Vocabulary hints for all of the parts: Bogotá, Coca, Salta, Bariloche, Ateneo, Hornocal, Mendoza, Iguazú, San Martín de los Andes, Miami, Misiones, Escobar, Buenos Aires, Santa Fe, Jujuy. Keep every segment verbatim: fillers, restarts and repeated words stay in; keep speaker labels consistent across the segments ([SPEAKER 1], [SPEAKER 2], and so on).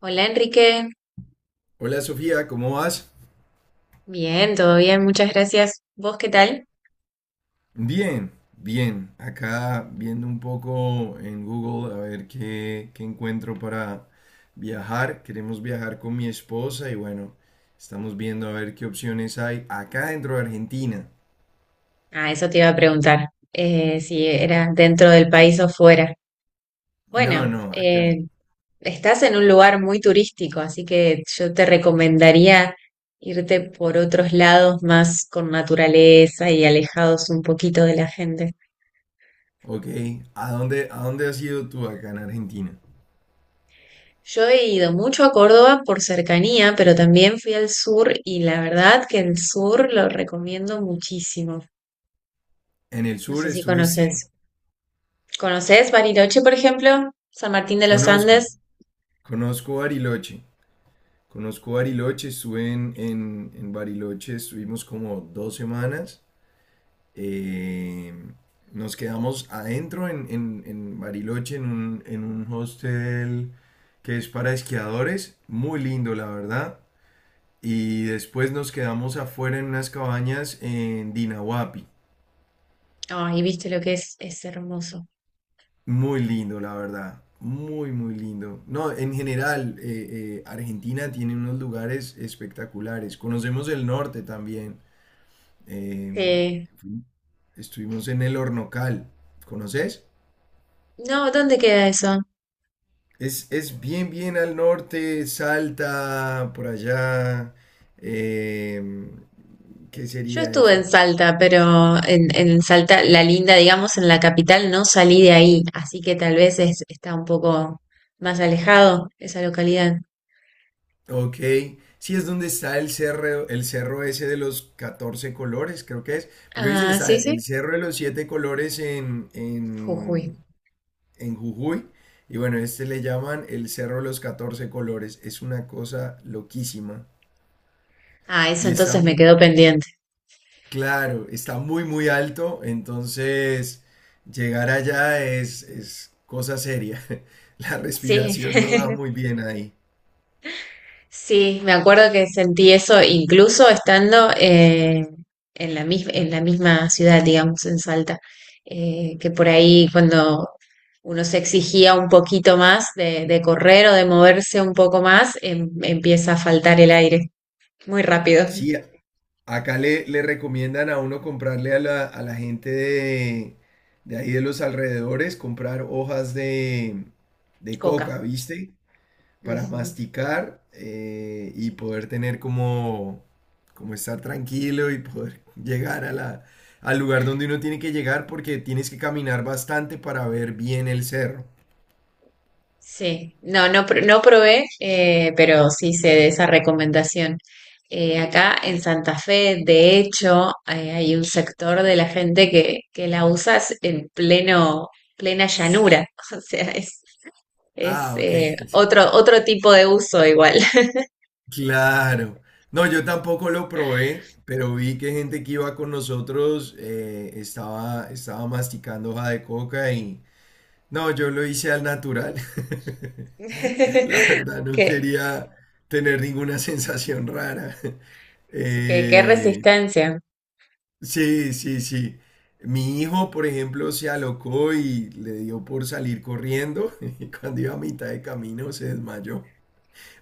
[SPEAKER 1] Hola, Enrique.
[SPEAKER 2] Hola Sofía, ¿cómo vas?
[SPEAKER 1] Bien, todo bien, muchas gracias. ¿Vos qué tal?
[SPEAKER 2] Bien, bien. Acá viendo un poco en Google a ver qué, qué encuentro para viajar. Queremos viajar con mi esposa y bueno, estamos viendo a ver qué opciones hay acá dentro de Argentina.
[SPEAKER 1] Ah, eso te iba a preguntar, eh, si era dentro del país o fuera.
[SPEAKER 2] No,
[SPEAKER 1] Bueno,
[SPEAKER 2] no, acá.
[SPEAKER 1] eh, estás en un lugar muy turístico, así que yo te recomendaría irte por otros lados más con naturaleza y alejados un poquito de la gente.
[SPEAKER 2] Ok. ¿A dónde, a dónde has ido tú acá en Argentina?
[SPEAKER 1] Yo he ido mucho a Córdoba por cercanía, pero también fui al sur y la verdad que el sur lo recomiendo muchísimo.
[SPEAKER 2] En el
[SPEAKER 1] No
[SPEAKER 2] sur
[SPEAKER 1] sé si
[SPEAKER 2] estuviste.
[SPEAKER 1] conoces. ¿Conoces Bariloche, por ejemplo? San Martín de los
[SPEAKER 2] Conozco,
[SPEAKER 1] Andes.
[SPEAKER 2] conozco Bariloche. Conozco Bariloche, estuve en, en, en Bariloche, estuvimos como dos semanas. Eh, Nos quedamos adentro en, en- en Bariloche, en un, en un hostel que es para esquiadores, muy lindo la verdad. Y después nos quedamos afuera en unas cabañas en Dinahuapi,
[SPEAKER 1] Ay, viste lo que es, es hermoso.
[SPEAKER 2] muy lindo la verdad, muy muy lindo. No, en general, eh, eh, Argentina tiene unos lugares espectaculares. Conocemos el norte también. eh,
[SPEAKER 1] Eh,
[SPEAKER 2] fu- Estuvimos en el Hornocal, ¿conoces?
[SPEAKER 1] no, ¿dónde queda eso?
[SPEAKER 2] Es, es bien, bien al norte, Salta, por allá. eh, ¿Qué
[SPEAKER 1] Yo
[SPEAKER 2] sería
[SPEAKER 1] estuve en
[SPEAKER 2] eso?
[SPEAKER 1] Salta, pero en, en Salta, la linda, digamos, en la capital, no salí de ahí, así que tal vez es- está un poco más alejado esa localidad.
[SPEAKER 2] Ok, sí, es donde está el cerro, el cerro ese de los catorce colores, creo que es. Porque dice que
[SPEAKER 1] Ah,
[SPEAKER 2] está
[SPEAKER 1] sí, sí.
[SPEAKER 2] el cerro de los siete colores en,
[SPEAKER 1] Jujuy.
[SPEAKER 2] en, en Jujuy. Y bueno, este le llaman el cerro de los catorce colores. Es una cosa loquísima.
[SPEAKER 1] Ah, eso
[SPEAKER 2] Y
[SPEAKER 1] entonces
[SPEAKER 2] está,
[SPEAKER 1] me quedó pendiente.
[SPEAKER 2] claro, está muy, muy alto, entonces llegar allá es, es cosa seria. La
[SPEAKER 1] Sí,
[SPEAKER 2] respiración no da muy bien ahí.
[SPEAKER 1] sí, me acuerdo que sentí eso incluso estando eh, en la mis- en la misma ciudad, digamos, en Salta, eh, que por ahí cuando uno se exigía un poquito más de, de correr o de moverse un poco más, em- empieza a faltar el aire muy rápido.
[SPEAKER 2] Sí, a- Acá le, le recomiendan a uno comprarle a la, a la gente de, de ahí de los alrededores, comprar hojas de, de coca,
[SPEAKER 1] Coca.
[SPEAKER 2] ¿viste? Para masticar eh, y poder tener como, como estar tranquilo y poder llegar a la, al lugar donde uno tiene que llegar porque tienes que caminar bastante para ver bien el cerro.
[SPEAKER 1] Sí, no, no, pr- no probé, eh, pero sí sé de esa recomendación. Eh, acá en Santa Fe, de hecho, eh, hay un sector de la gente que, que la usa s- en pleno, plena llanura. O sea, es, es
[SPEAKER 2] Ah, ok.
[SPEAKER 1] eh, otro, otro tipo de uso igual.
[SPEAKER 2] Claro. No, yo tampoco lo probé, pero vi que gente que iba con nosotros eh, estaba, estaba masticando hoja de coca y... No, yo lo hice al natural. La verdad, no
[SPEAKER 1] Qué,
[SPEAKER 2] quería tener ninguna sensación rara.
[SPEAKER 1] qué, qué
[SPEAKER 2] Eh,
[SPEAKER 1] resistencia.
[SPEAKER 2] sí, sí, sí. Mi hijo, por ejemplo, se alocó y le dio por salir corriendo y cuando iba a mitad de camino se desmayó.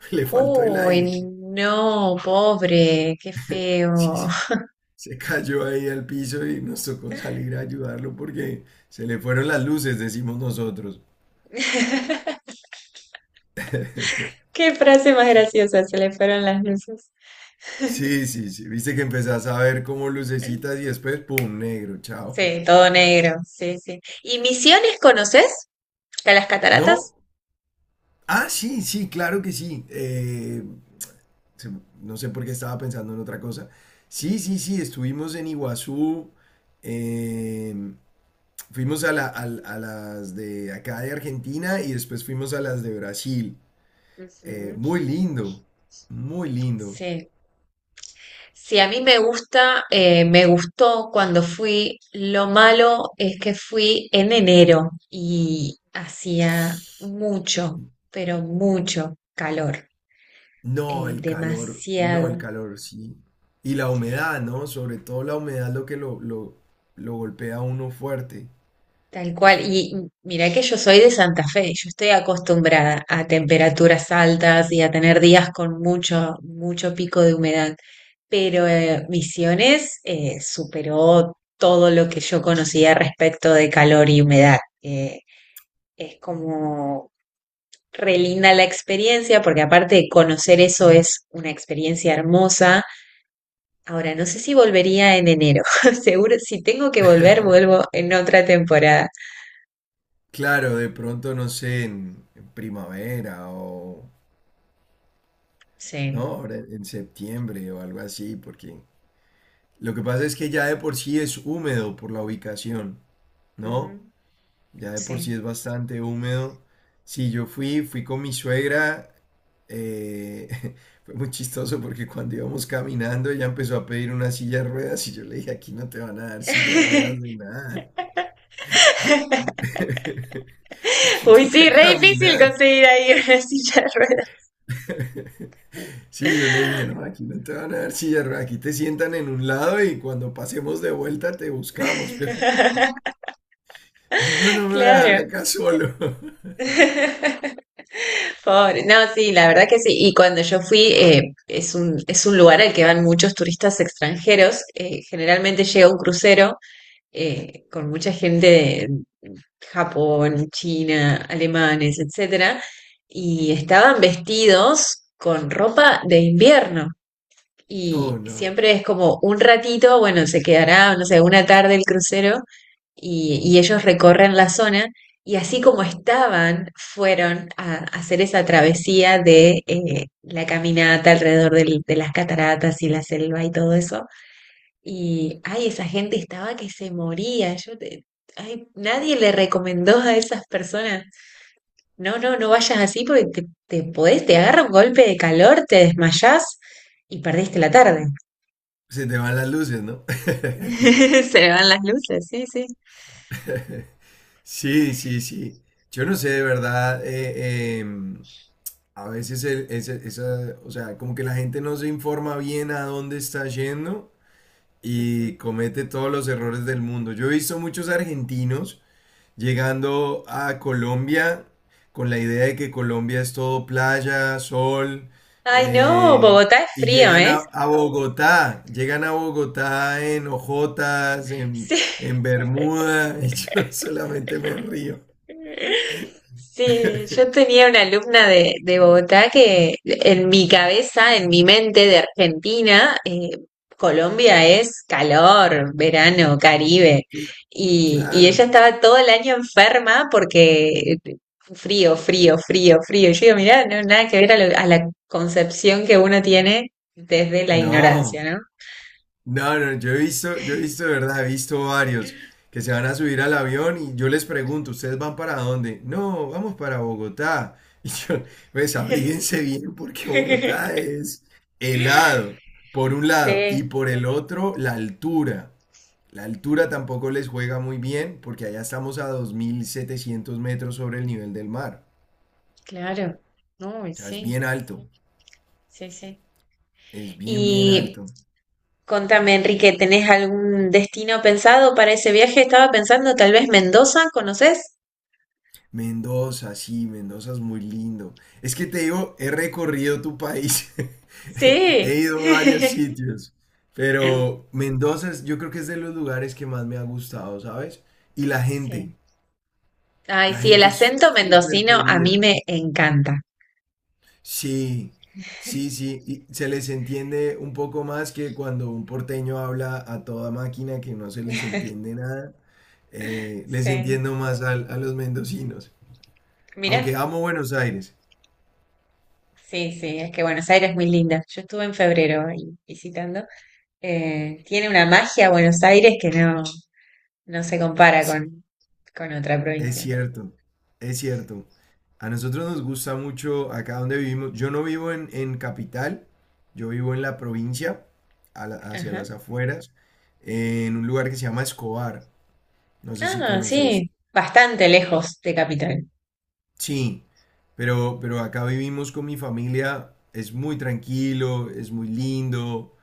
[SPEAKER 2] Le faltó el aire.
[SPEAKER 1] Uy, no, pobre, qué
[SPEAKER 2] Sí,
[SPEAKER 1] feo.
[SPEAKER 2] sí, se cayó ahí al piso y nos tocó salir a ayudarlo porque se le fueron las luces, decimos nosotros.
[SPEAKER 1] Qué frase más graciosa, se le fueron las luces.
[SPEAKER 2] Sí, sí, sí. Viste que empezás a ver como lucecitas y después, ¡pum!, negro, chao.
[SPEAKER 1] Sí, todo negro, sí, sí. ¿Y Misiones conoces? ¿A las
[SPEAKER 2] ¿No?
[SPEAKER 1] cataratas?
[SPEAKER 2] Ah, sí, sí, claro que sí. Eh, se- no sé por qué estaba pensando en otra cosa. Sí, sí, sí, estuvimos en Iguazú, eh, fuimos a, la- al- a las de acá de Argentina y después fuimos a las de Brasil. Eh,
[SPEAKER 1] Ujú,
[SPEAKER 2] muy lindo, muy lindo.
[SPEAKER 1] sí, sí, a mí me gusta, eh, me gustó cuando fui. Lo malo es que fui en enero y hacía mucho, pero mucho calor,
[SPEAKER 2] No,
[SPEAKER 1] eh,
[SPEAKER 2] el calor, no, el
[SPEAKER 1] demasiado.
[SPEAKER 2] calor, sí. Y la humedad, ¿no? Sobre todo la humedad lo que lo, lo, lo golpea a uno fuerte.
[SPEAKER 1] Tal cual. Y mira que yo soy de Santa Fe, yo estoy acostumbrada a temperaturas altas y a tener días con mucho, mucho pico de humedad, pero eh, Misiones eh, superó todo lo que yo conocía respecto de calor y humedad. Eh, es como re linda la experiencia, porque aparte de conocer eso es una experiencia hermosa. Ahora, no sé si volvería en enero. Seguro, si tengo que volver, vuelvo en otra temporada.
[SPEAKER 2] Claro, de pronto, no sé, en, en primavera o, ¿no?
[SPEAKER 1] Sí.
[SPEAKER 2] Ahora en septiembre o algo así, porque lo que pasa es que ya de por sí es húmedo por la ubicación, ¿no?
[SPEAKER 1] Ujú.
[SPEAKER 2] Ya de por
[SPEAKER 1] Sí.
[SPEAKER 2] sí es bastante húmedo. Sí, yo fui, fui con mi suegra. eh, Fue muy chistoso porque cuando íbamos caminando ella empezó a pedir una silla de ruedas y yo le dije, aquí no te van a dar silla de ruedas ni nada. Aquí
[SPEAKER 1] Uy, sí,
[SPEAKER 2] toca
[SPEAKER 1] re difícil
[SPEAKER 2] caminar.
[SPEAKER 1] conseguir ahí una silla de ruedas.
[SPEAKER 2] Sí, yo le dije, no, aquí no te van a dar silla de ruedas, aquí te sientan en un lado y cuando pasemos de vuelta te buscamos, pero digo, no, no me voy a dejar
[SPEAKER 1] Claro.
[SPEAKER 2] acá solo.
[SPEAKER 1] Pobre. No, sí, la verdad que sí. Y cuando yo fui, eh, es un, es un lugar al que van muchos turistas extranjeros. Eh, generalmente llega un crucero eh, con mucha gente de Japón, China, alemanes, etcétera, y estaban vestidos con ropa de invierno.
[SPEAKER 2] Oh,
[SPEAKER 1] Y
[SPEAKER 2] no.
[SPEAKER 1] siempre es como un ratito, bueno, se quedará, no sé, una tarde el crucero y, y ellos recorren la zona y así como estaban, fueron a, a hacer esa travesía de eh, la caminata alrededor del- de las cataratas y la selva y todo eso. Y, ay, esa gente estaba que se moría. Yo te- ay, nadie le recomendó a esas personas, no, no, no vayas así porque te, te podés, te agarra un golpe de calor, te desmayás y perdiste la tarde.
[SPEAKER 2] Se te van las luces, ¿no?
[SPEAKER 1] Se le van las luces, sí, sí.
[SPEAKER 2] Sí, sí, sí. Yo no sé, de verdad. Eh, em, a veces el- ese- esa, o sea, como que la gente no se informa bien a dónde está yendo y
[SPEAKER 1] Ujú.
[SPEAKER 2] comete todos los errores del mundo. Yo he visto muchos argentinos llegando a Colombia con la idea de que Colombia es todo playa, sol,
[SPEAKER 1] Ay, no,
[SPEAKER 2] eh,
[SPEAKER 1] Bogotá es
[SPEAKER 2] y
[SPEAKER 1] frío,
[SPEAKER 2] llegan
[SPEAKER 1] ¿eh?
[SPEAKER 2] a, a Bogotá, llegan a Bogotá en ojotas, en,
[SPEAKER 1] Sí,
[SPEAKER 2] en Bermuda, y yo solamente me río.
[SPEAKER 1] sí, yo tenía una alumna de, de Bogotá que en mi cabeza, en mi mente de Argentina, eh, Colombia es calor, verano, Caribe.
[SPEAKER 2] Cl-
[SPEAKER 1] Y, y ella
[SPEAKER 2] Claro,
[SPEAKER 1] estaba todo el año enferma porque frío, frío, frío, frío. Y yo digo, mirá, no, nada que ver a, lo- a la concepción que uno tiene desde la
[SPEAKER 2] no.
[SPEAKER 1] ignorancia, ¿no?
[SPEAKER 2] No, no, yo he visto, yo he visto, de verdad, he visto varios que se van a subir al avión y yo les pregunto, ¿ustedes van para dónde? No, vamos para Bogotá. Y yo, pues abríguense bien porque Bogotá es helado, por un lado,
[SPEAKER 1] Sí,
[SPEAKER 2] y por el otro, la altura. La altura tampoco les juega muy bien porque allá estamos a dos mil setecientos metros sobre el nivel del mar.
[SPEAKER 1] claro. No, y
[SPEAKER 2] O sea, es
[SPEAKER 1] sí,
[SPEAKER 2] bien alto,
[SPEAKER 1] sí, sí.
[SPEAKER 2] es bien, bien
[SPEAKER 1] Y
[SPEAKER 2] alto.
[SPEAKER 1] contame, Enrique, ¿tenés algún destino pensado para ese viaje? Estaba pensando, tal vez Mendoza, ¿conoces?
[SPEAKER 2] Mendoza, sí, Mendoza es muy lindo. Es que te digo, he recorrido tu país, he
[SPEAKER 1] Sí.
[SPEAKER 2] ido a varios sitios, pero Mendoza es- yo creo que es de los lugares que más me ha gustado, ¿sabes? Y la gente,
[SPEAKER 1] Sí. Ay,
[SPEAKER 2] la
[SPEAKER 1] sí, el
[SPEAKER 2] gente es
[SPEAKER 1] acento
[SPEAKER 2] súper
[SPEAKER 1] mendocino a mí
[SPEAKER 2] querida.
[SPEAKER 1] me encanta.
[SPEAKER 2] Sí, sí, sí, y se les entiende un poco más que cuando un porteño habla a toda máquina que no se les entiende nada. Eh, les
[SPEAKER 1] Sí.
[SPEAKER 2] entiendo más al- a los mendocinos,
[SPEAKER 1] Mira.
[SPEAKER 2] aunque amo Buenos Aires.
[SPEAKER 1] Sí, sí, es que Buenos Aires es muy linda. Yo estuve en febrero ahí visitando. Eh, tiene una magia Buenos Aires que no, no se compara
[SPEAKER 2] Sí,
[SPEAKER 1] con, con otra
[SPEAKER 2] es
[SPEAKER 1] provincia.
[SPEAKER 2] cierto, es cierto. A nosotros nos gusta mucho acá donde vivimos. Yo no vivo en, en capital, yo vivo en la provincia, a la- hacia
[SPEAKER 1] Ajá.
[SPEAKER 2] las afueras, en un lugar que se llama Escobar. No sé si
[SPEAKER 1] Ah,
[SPEAKER 2] conoces.
[SPEAKER 1] sí, bastante lejos de Capital.
[SPEAKER 2] Sí, pero, pero acá vivimos con mi familia. Es muy tranquilo, es muy lindo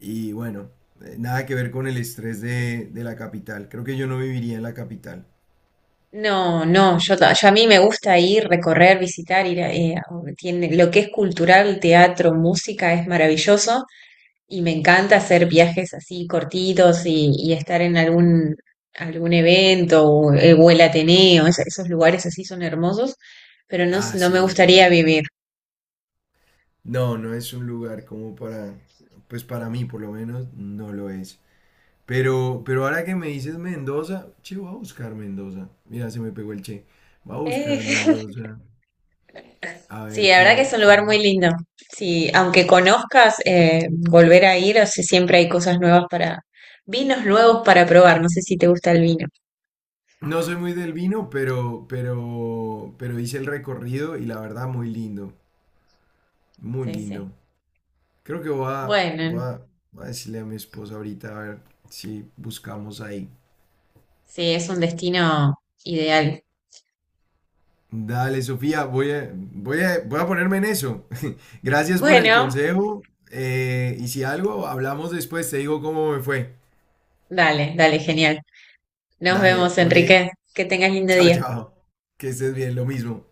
[SPEAKER 2] y bueno, eh, nada que ver con el estrés de, de la capital. Creo que yo no viviría en la capital.
[SPEAKER 1] No, no, yo, ta- yo a mí me gusta ir, recorrer, visitar, ir a, eh, a- tiene, lo que es cultural, teatro, música es maravilloso y me encanta hacer viajes así cortitos y, y estar en algún, algún evento o, eh, o el Ateneo, es- esos lugares así son hermosos, pero no, s-
[SPEAKER 2] Ah,
[SPEAKER 1] no
[SPEAKER 2] sí,
[SPEAKER 1] me
[SPEAKER 2] el
[SPEAKER 1] gustaría
[SPEAKER 2] Ateneo.
[SPEAKER 1] vivir.
[SPEAKER 2] No, no es un lugar como para, pues para mí por lo menos no lo es. Pero, pero ahora que me dices Mendoza, che, voy a buscar Mendoza. Mira, se me pegó el che. Voy a buscar Mendoza. A
[SPEAKER 1] Sí,
[SPEAKER 2] ver
[SPEAKER 1] la verdad que es
[SPEAKER 2] qué,
[SPEAKER 1] un lugar
[SPEAKER 2] qué-
[SPEAKER 1] muy lindo. Sí, aunque conozcas, eh, volver a ir, o sea, siempre hay cosas nuevas para, vinos nuevos para probar. No sé si te gusta el vino.
[SPEAKER 2] No soy muy del vino, pero, pero, pero hice el recorrido y la verdad muy lindo. Muy
[SPEAKER 1] Sí, sí.
[SPEAKER 2] lindo. Creo que voy a, voy
[SPEAKER 1] Bueno,
[SPEAKER 2] a, voy a decirle a mi esposa ahorita a ver si buscamos ahí.
[SPEAKER 1] sí, es un destino ideal.
[SPEAKER 2] Dale, Sofía, voy a, voy a, voy a ponerme en eso. Gracias por el
[SPEAKER 1] Bueno,
[SPEAKER 2] consejo. Eh, y si algo, hablamos después, te digo cómo me fue.
[SPEAKER 1] dale, dale, genial. Nos
[SPEAKER 2] Dale,
[SPEAKER 1] vemos,
[SPEAKER 2] ok.
[SPEAKER 1] Enrique. Que tengas lindo
[SPEAKER 2] Chao,
[SPEAKER 1] día.
[SPEAKER 2] chao. Que estés bien, lo mismo.